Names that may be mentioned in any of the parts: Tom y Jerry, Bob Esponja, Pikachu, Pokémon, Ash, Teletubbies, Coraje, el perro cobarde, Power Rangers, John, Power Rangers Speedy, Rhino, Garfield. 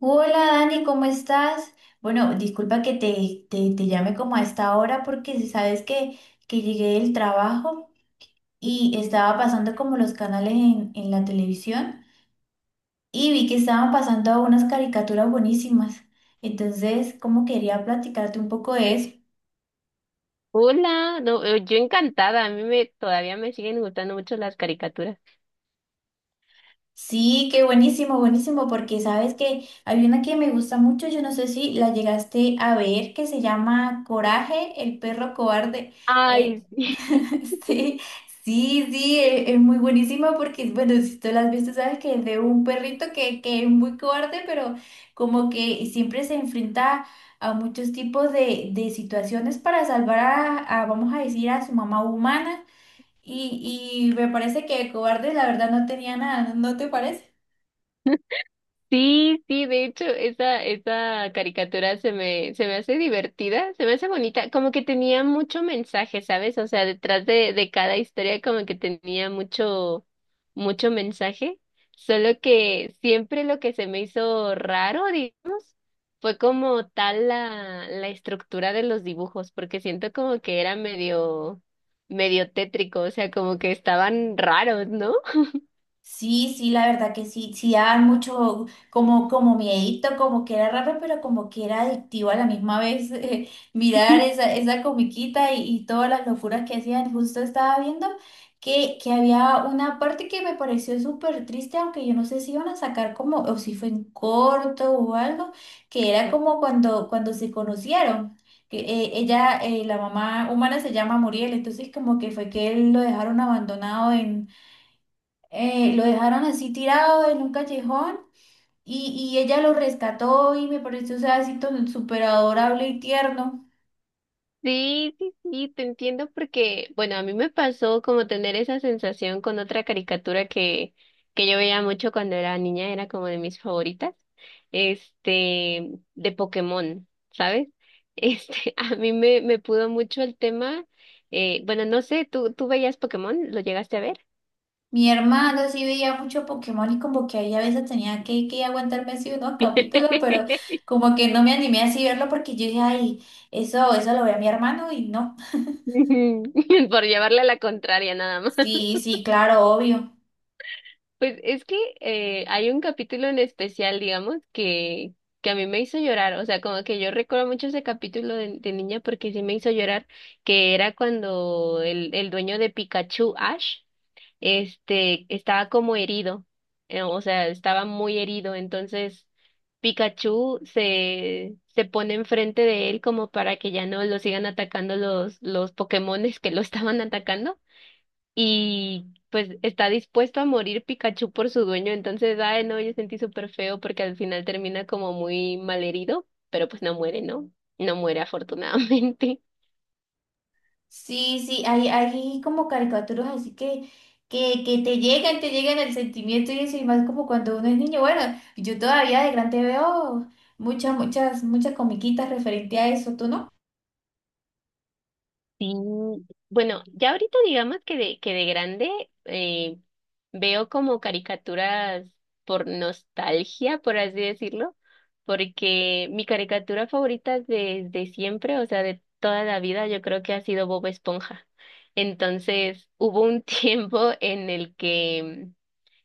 Hola Dani, ¿cómo estás? Bueno, disculpa que te llame como a esta hora porque si sabes que llegué del trabajo y estaba pasando como los canales en la televisión y vi que estaban pasando unas caricaturas buenísimas. Entonces, como quería platicarte un poco de eso. Hola, no, yo encantada, todavía me siguen gustando mucho las caricaturas. Sí, qué buenísimo, buenísimo, porque sabes que hay una que me gusta mucho, yo no sé si la llegaste a ver, que se llama Coraje, el perro cobarde. Ay, Eh, sí. sí, sí, sí, es muy buenísima porque, bueno, si tú la has visto, sabes que es de un perrito que es muy cobarde, pero como que siempre se enfrenta a muchos tipos de situaciones para salvar vamos a decir, a su mamá humana. Y me parece que de cobarde la verdad no tenía nada, ¿no te parece? Sí, sí, de hecho, esa caricatura se me hace divertida, se me hace bonita, como que tenía mucho mensaje, ¿sabes? O sea, detrás de cada historia como que tenía mucho, mucho mensaje, solo que siempre lo que se me hizo raro, digamos, fue como tal la estructura de los dibujos, porque siento como que era medio, medio tétrico, o sea, como que estaban raros, ¿no? Sí, sí, la verdad que sí, sí daban mucho como, como miedito, como que era raro, pero como que era adictivo a la misma vez mirar esa comiquita y todas las locuras que hacían. Justo estaba viendo que había una parte que me pareció súper triste, aunque yo no sé si iban a sacar como, o si fue en corto o algo, que era como cuando se conocieron. Que Ella, la mamá humana se llama Muriel, entonces como que fue que él lo dejaron abandonado, lo dejaron así tirado en un callejón y ella lo rescató y me pareció, o sea, así tan súper adorable y tierno. Sí, sí, sí, te entiendo porque, bueno, a mí me pasó como tener esa sensación con otra caricatura que yo veía mucho cuando era niña, era como de mis favoritas, este, de Pokémon, ¿sabes? Este, me pudo mucho el tema, bueno, no sé, tú veías Pokémon? ¿Lo llegaste a ver? Mi hermana sí veía mucho Pokémon y como que ahí a veces tenía que aguantarme así unos capítulos, pero como que no me animé así a verlo porque yo dije, ay, eso lo ve a mi hermano y no. Por llevarle a la contraria nada más. Sí, sí, claro, obvio. Pues es que hay un capítulo en especial, digamos, que a mí me hizo llorar. O sea, como que yo recuerdo mucho ese capítulo de niña porque sí me hizo llorar, que era cuando el dueño de Pikachu, Ash, estaba como herido. O sea, estaba muy herido. Entonces, se pone enfrente de él como para que ya no lo sigan atacando los Pokémones que lo estaban atacando y pues está dispuesto a morir Pikachu por su dueño, entonces, ay, no, yo sentí súper feo porque al final termina como muy malherido, pero pues no muere, ¿no? No muere afortunadamente. Sí, sí, hay como caricaturas así que te llegan el sentimiento y eso, y más como cuando uno es niño. Bueno, yo todavía de grande veo muchas, muchas, muchas comiquitas referente a eso, ¿tú no? Sí, bueno, ya ahorita digamos que de grande veo como caricaturas por nostalgia, por así decirlo, porque mi caricatura favorita desde siempre, o sea, de toda la vida, yo creo que ha sido Bob Esponja. Entonces, hubo un tiempo en el que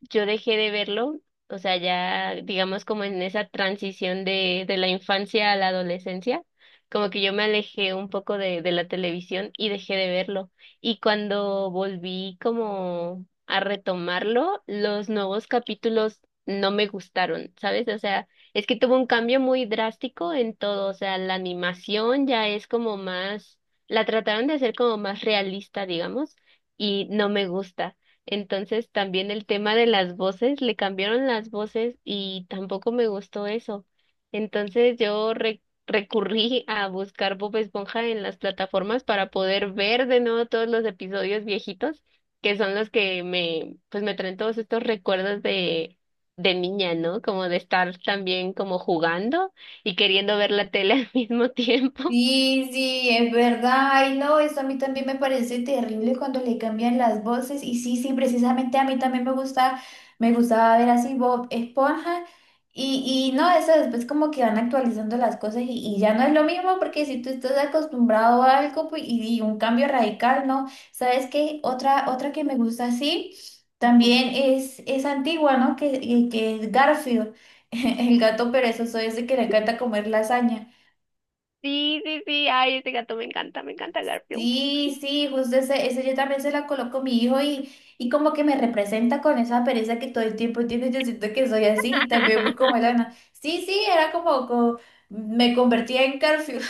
yo dejé de verlo, o sea, ya digamos como en esa transición de la infancia a la adolescencia, como que yo me alejé un poco de la televisión y dejé de verlo. Y cuando volví como a retomarlo, los nuevos capítulos no me gustaron, ¿sabes? O sea, es que tuvo un cambio muy drástico en todo, o sea, la animación ya es como más, la trataron de hacer como más realista, digamos, y no me gusta. Entonces también el tema de las voces, le cambiaron las voces y tampoco me gustó eso. Entonces yo recurrí a buscar Bob Esponja en las plataformas para poder ver de nuevo todos los episodios viejitos, que son los que me, pues me traen todos estos recuerdos de niña, ¿no? Como de estar también como jugando y queriendo ver la tele al mismo tiempo. Sí, sí, es verdad. Ay, no, eso a mí también me parece terrible cuando le cambian las voces. Y sí, sí, precisamente a mí también me gusta, me gustaba ver así Bob Esponja. Y no, eso después como que van actualizando las cosas y ya no es lo mismo porque si tú estás acostumbrado a algo pues, y un cambio radical, ¿no? ¿Sabes qué? Otra, otra que me gusta así Ujú. también es antigua, ¿no? Que es Garfield, el gato perezoso ese que le encanta comer lasaña. Sí, sí, sí, ay, ese gato me encanta Garfield. Sí, sí, justo ese, ese yo también se la coloco a mi hijo y como que me representa con esa pereza que todo el tiempo tiene. Yo siento que soy así, también muy como Elena. Sí, sí, era como, me convertía en Garfield.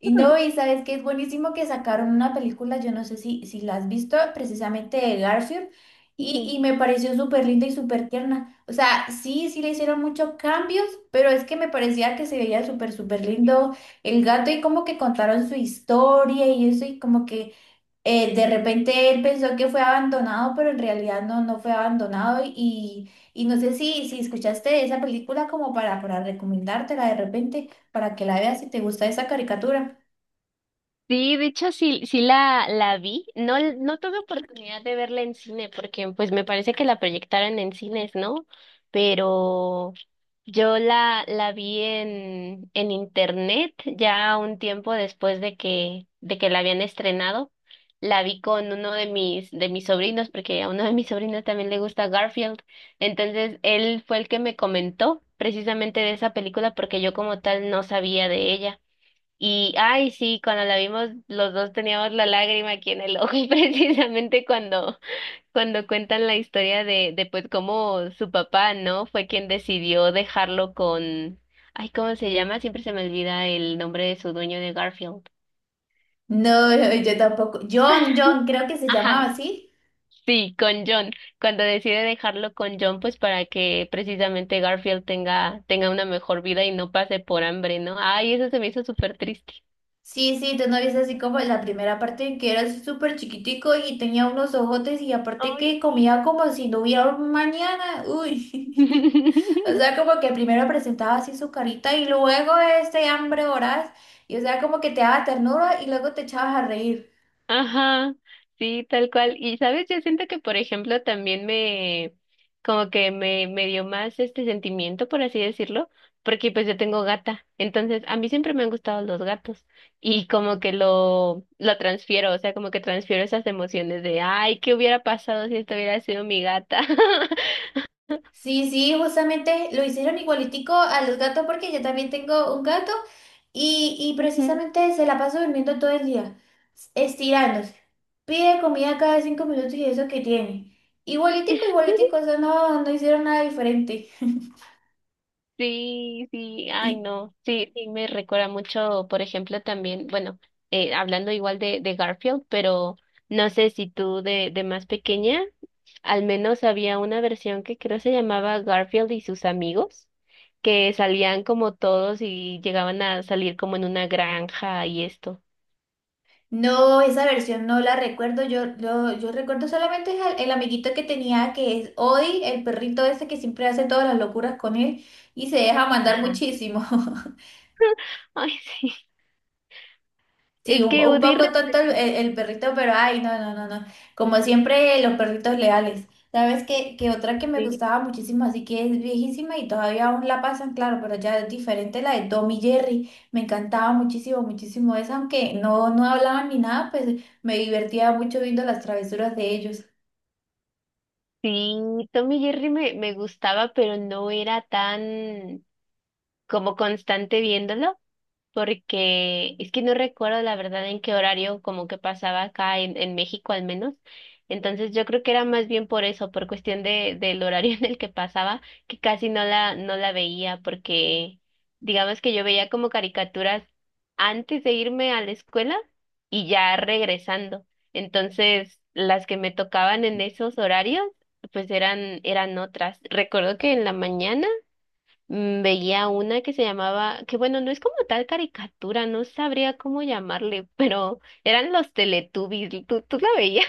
Y no, y sabes que es buenísimo que sacaron una película, yo no sé si, si la has visto, precisamente de Garfield, y me pareció súper linda y súper tierna. O sea, sí, sí le hicieron muchos cambios, pero es que me parecía que se veía súper, súper lindo el gato y como que contaron su historia y eso, y como que de repente él pensó que fue abandonado, pero en realidad no, no fue abandonado. Y no sé si, si escuchaste esa película como para recomendártela de repente, para que la veas si te gusta esa caricatura. Sí, de hecho sí, la vi. No, no tuve oportunidad de verla en cine porque pues me parece que la proyectaron en cines, ¿no? Pero yo la vi en internet ya un tiempo después de que la habían estrenado. La vi con uno de mis sobrinos, porque a uno de mis sobrinos también le gusta Garfield. Entonces, él fue el que me comentó precisamente de esa película porque yo como tal no sabía de ella. Y, ay, sí, cuando la vimos, los dos teníamos la lágrima aquí en el ojo, y precisamente cuando, cuando cuentan la historia de pues cómo su papá, ¿no? Fue quien decidió dejarlo con, ay, ¿cómo se llama? Siempre se me olvida el nombre de su dueño de Garfield. No, yo tampoco. John, John, creo que se Ajá, llamaba así. sí, con John. Cuando decide dejarlo con John, pues para que precisamente Garfield tenga, tenga una mejor vida y no pase por hambre, ¿no? Ay, eso se me hizo súper triste. Sí, sí, tú no viste así como la primera parte en que era así súper chiquitico y tenía unos ojotes y aparte Ay, que sí. comía como si no hubiera un mañana. Uy, o sea, como que primero presentaba así su carita y luego este hambre voraz y o sea, como que te daba ternura y luego te echabas a reír. Ajá, sí, tal cual. Y sabes, yo siento que, por ejemplo, como que me dio más este sentimiento, por así decirlo, porque pues yo tengo gata. Entonces, a mí siempre me han gustado los gatos y como que lo transfiero, o sea, como que transfiero esas emociones de, ay, ¿qué hubiera pasado si esto hubiera sido mi gata? Sí, sí, justamente lo hicieron igualitico a los gatos porque yo también tengo un gato y Ujú. precisamente se la pasa durmiendo todo el día, estirándose. Pide comida cada 5 minutos y eso que tiene. Igualitico, igualitico, o sea, no, no hicieron nada diferente. Sí, sí, ay Y- no, sí, sí, me recuerda mucho, por ejemplo, también, bueno, hablando igual de Garfield, pero no sé si tú de más pequeña, al menos había una versión que creo se llamaba Garfield y sus amigos, que salían como todos y llegaban a salir como en una granja y esto. No, esa versión no la recuerdo. Yo recuerdo solamente el amiguito que tenía, que es hoy el perrito ese que siempre hace todas las locuras con él y se deja mandar Ajá. muchísimo. Ay, sí, Sí, es que un Woody poco tonto representa. el perrito, pero ay, no, no, no, no. Como siempre, los perritos leales. ¿Sabes qué? Que otra que me Sí, gustaba muchísimo, así que es viejísima y todavía aún la pasan, claro, pero ya es diferente la de Tom y Jerry. Me encantaba muchísimo, muchísimo esa, aunque no, no hablaban ni nada, pues me divertía mucho viendo las travesuras de ellos. sí, Tom y Jerry me gustaba, pero no era tan como constante viéndolo. Porque es que no recuerdo la verdad en qué horario como que pasaba acá en México al menos. Entonces yo creo que era más bien por eso, por cuestión de, del horario en el que pasaba, que casi no no la veía, porque digamos que yo veía como caricaturas antes de irme a la escuela y ya regresando. Entonces, las que me tocaban en esos horarios, pues eran, eran otras. Recuerdo que en la mañana veía una que se llamaba, que bueno, no es como tal caricatura, no sabría cómo llamarle, pero eran los Teletubbies, tú la veías?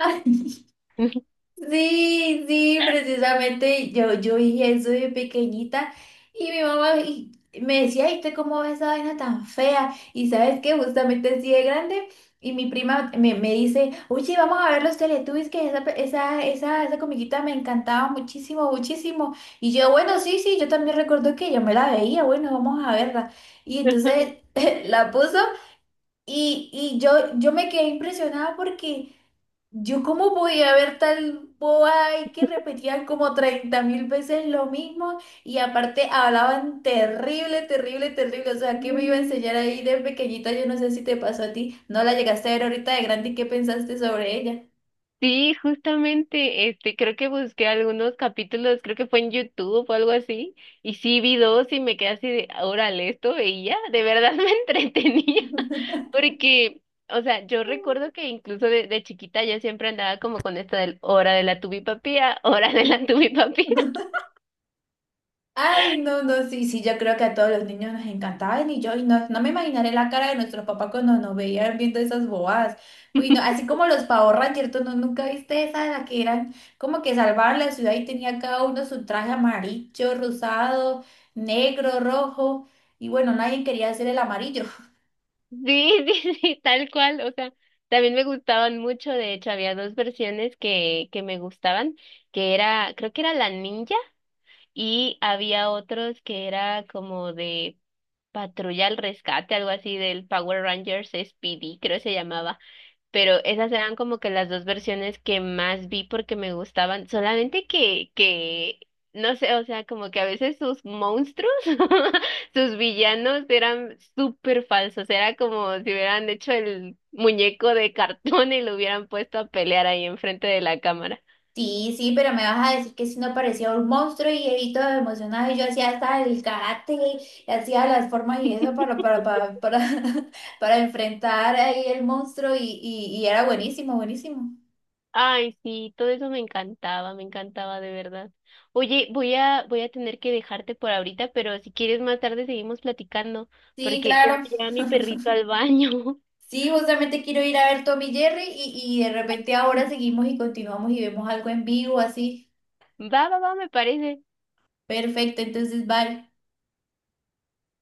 Sí, sí, precisamente yo, yo hice eso de pequeñita y mi mamá me decía, ¿y usted cómo ves esa vaina tan fea? Y sabes que justamente así de grande y mi prima me dice, oye, vamos a ver los Teletubbies, que esa, esa comiquita me encantaba muchísimo, muchísimo. Y yo, bueno, sí, sí, yo también recuerdo que yo me la veía, bueno, vamos a verla. Y Ajá. entonces la puso y, y yo, yo me quedé impresionada porque... Yo cómo voy a ver tal boba y que repetían como 30.000 veces lo mismo y aparte hablaban terrible, terrible, terrible. O sea, ¿qué me iba a Mm. enseñar ahí de pequeñita? Yo no sé si te pasó a ti. No la llegaste a ver ahorita de grande y qué pensaste sobre ella. Sí, justamente, este, creo que busqué algunos capítulos, creo que fue en YouTube o algo así, y sí vi dos y me quedé así de, órale, esto veía, de verdad me entretenía, porque, o sea, yo recuerdo que incluso de chiquita yo siempre andaba como con esto del hora de la tubipapía, hora de la tubipapía. Ay, no, no, sí, sí, yo creo que a todos los niños nos encantaban y yo y no, no me imaginaré la cara de nuestros papás cuando nos veían viendo esas bobadas. Uy, no, así como los Power Rangers, ¿tú no, nunca viste esa, la que eran como que salvaban la ciudad y tenía cada uno su traje amarillo, rosado, negro, rojo y bueno, nadie quería hacer el amarillo. Sí, sí, sí, tal cual. O sea, también me gustaban mucho. De hecho, había dos versiones que me gustaban, que era, creo que era la ninja y había otros que era como de patrulla al rescate, algo así del Power Rangers Speedy, creo que se llamaba, pero esas eran como que las dos versiones que más vi porque me gustaban, solamente que, no sé, o sea, como que a veces sus monstruos, sus villanos eran súper falsos, era como si hubieran hecho el muñeco de cartón y lo hubieran puesto a pelear ahí enfrente de la cámara. Sí, sí, pero me vas a decir que si no parecía un monstruo y Evito emocionado y yo hacía hasta el karate y hacía las formas y eso para, para enfrentar ahí el monstruo y era buenísimo, buenísimo. Ay, sí, todo eso me encantaba de verdad. Oye, voy a tener que dejarte por ahorita, pero si quieres más tarde seguimos platicando, Sí, porque tengo claro. que llevar a mi perrito al baño. Sí, justamente quiero ir a ver Tommy y Jerry y de repente ahora seguimos y continuamos y vemos algo en vivo así. Va, va, va, me parece. Perfecto, entonces vale.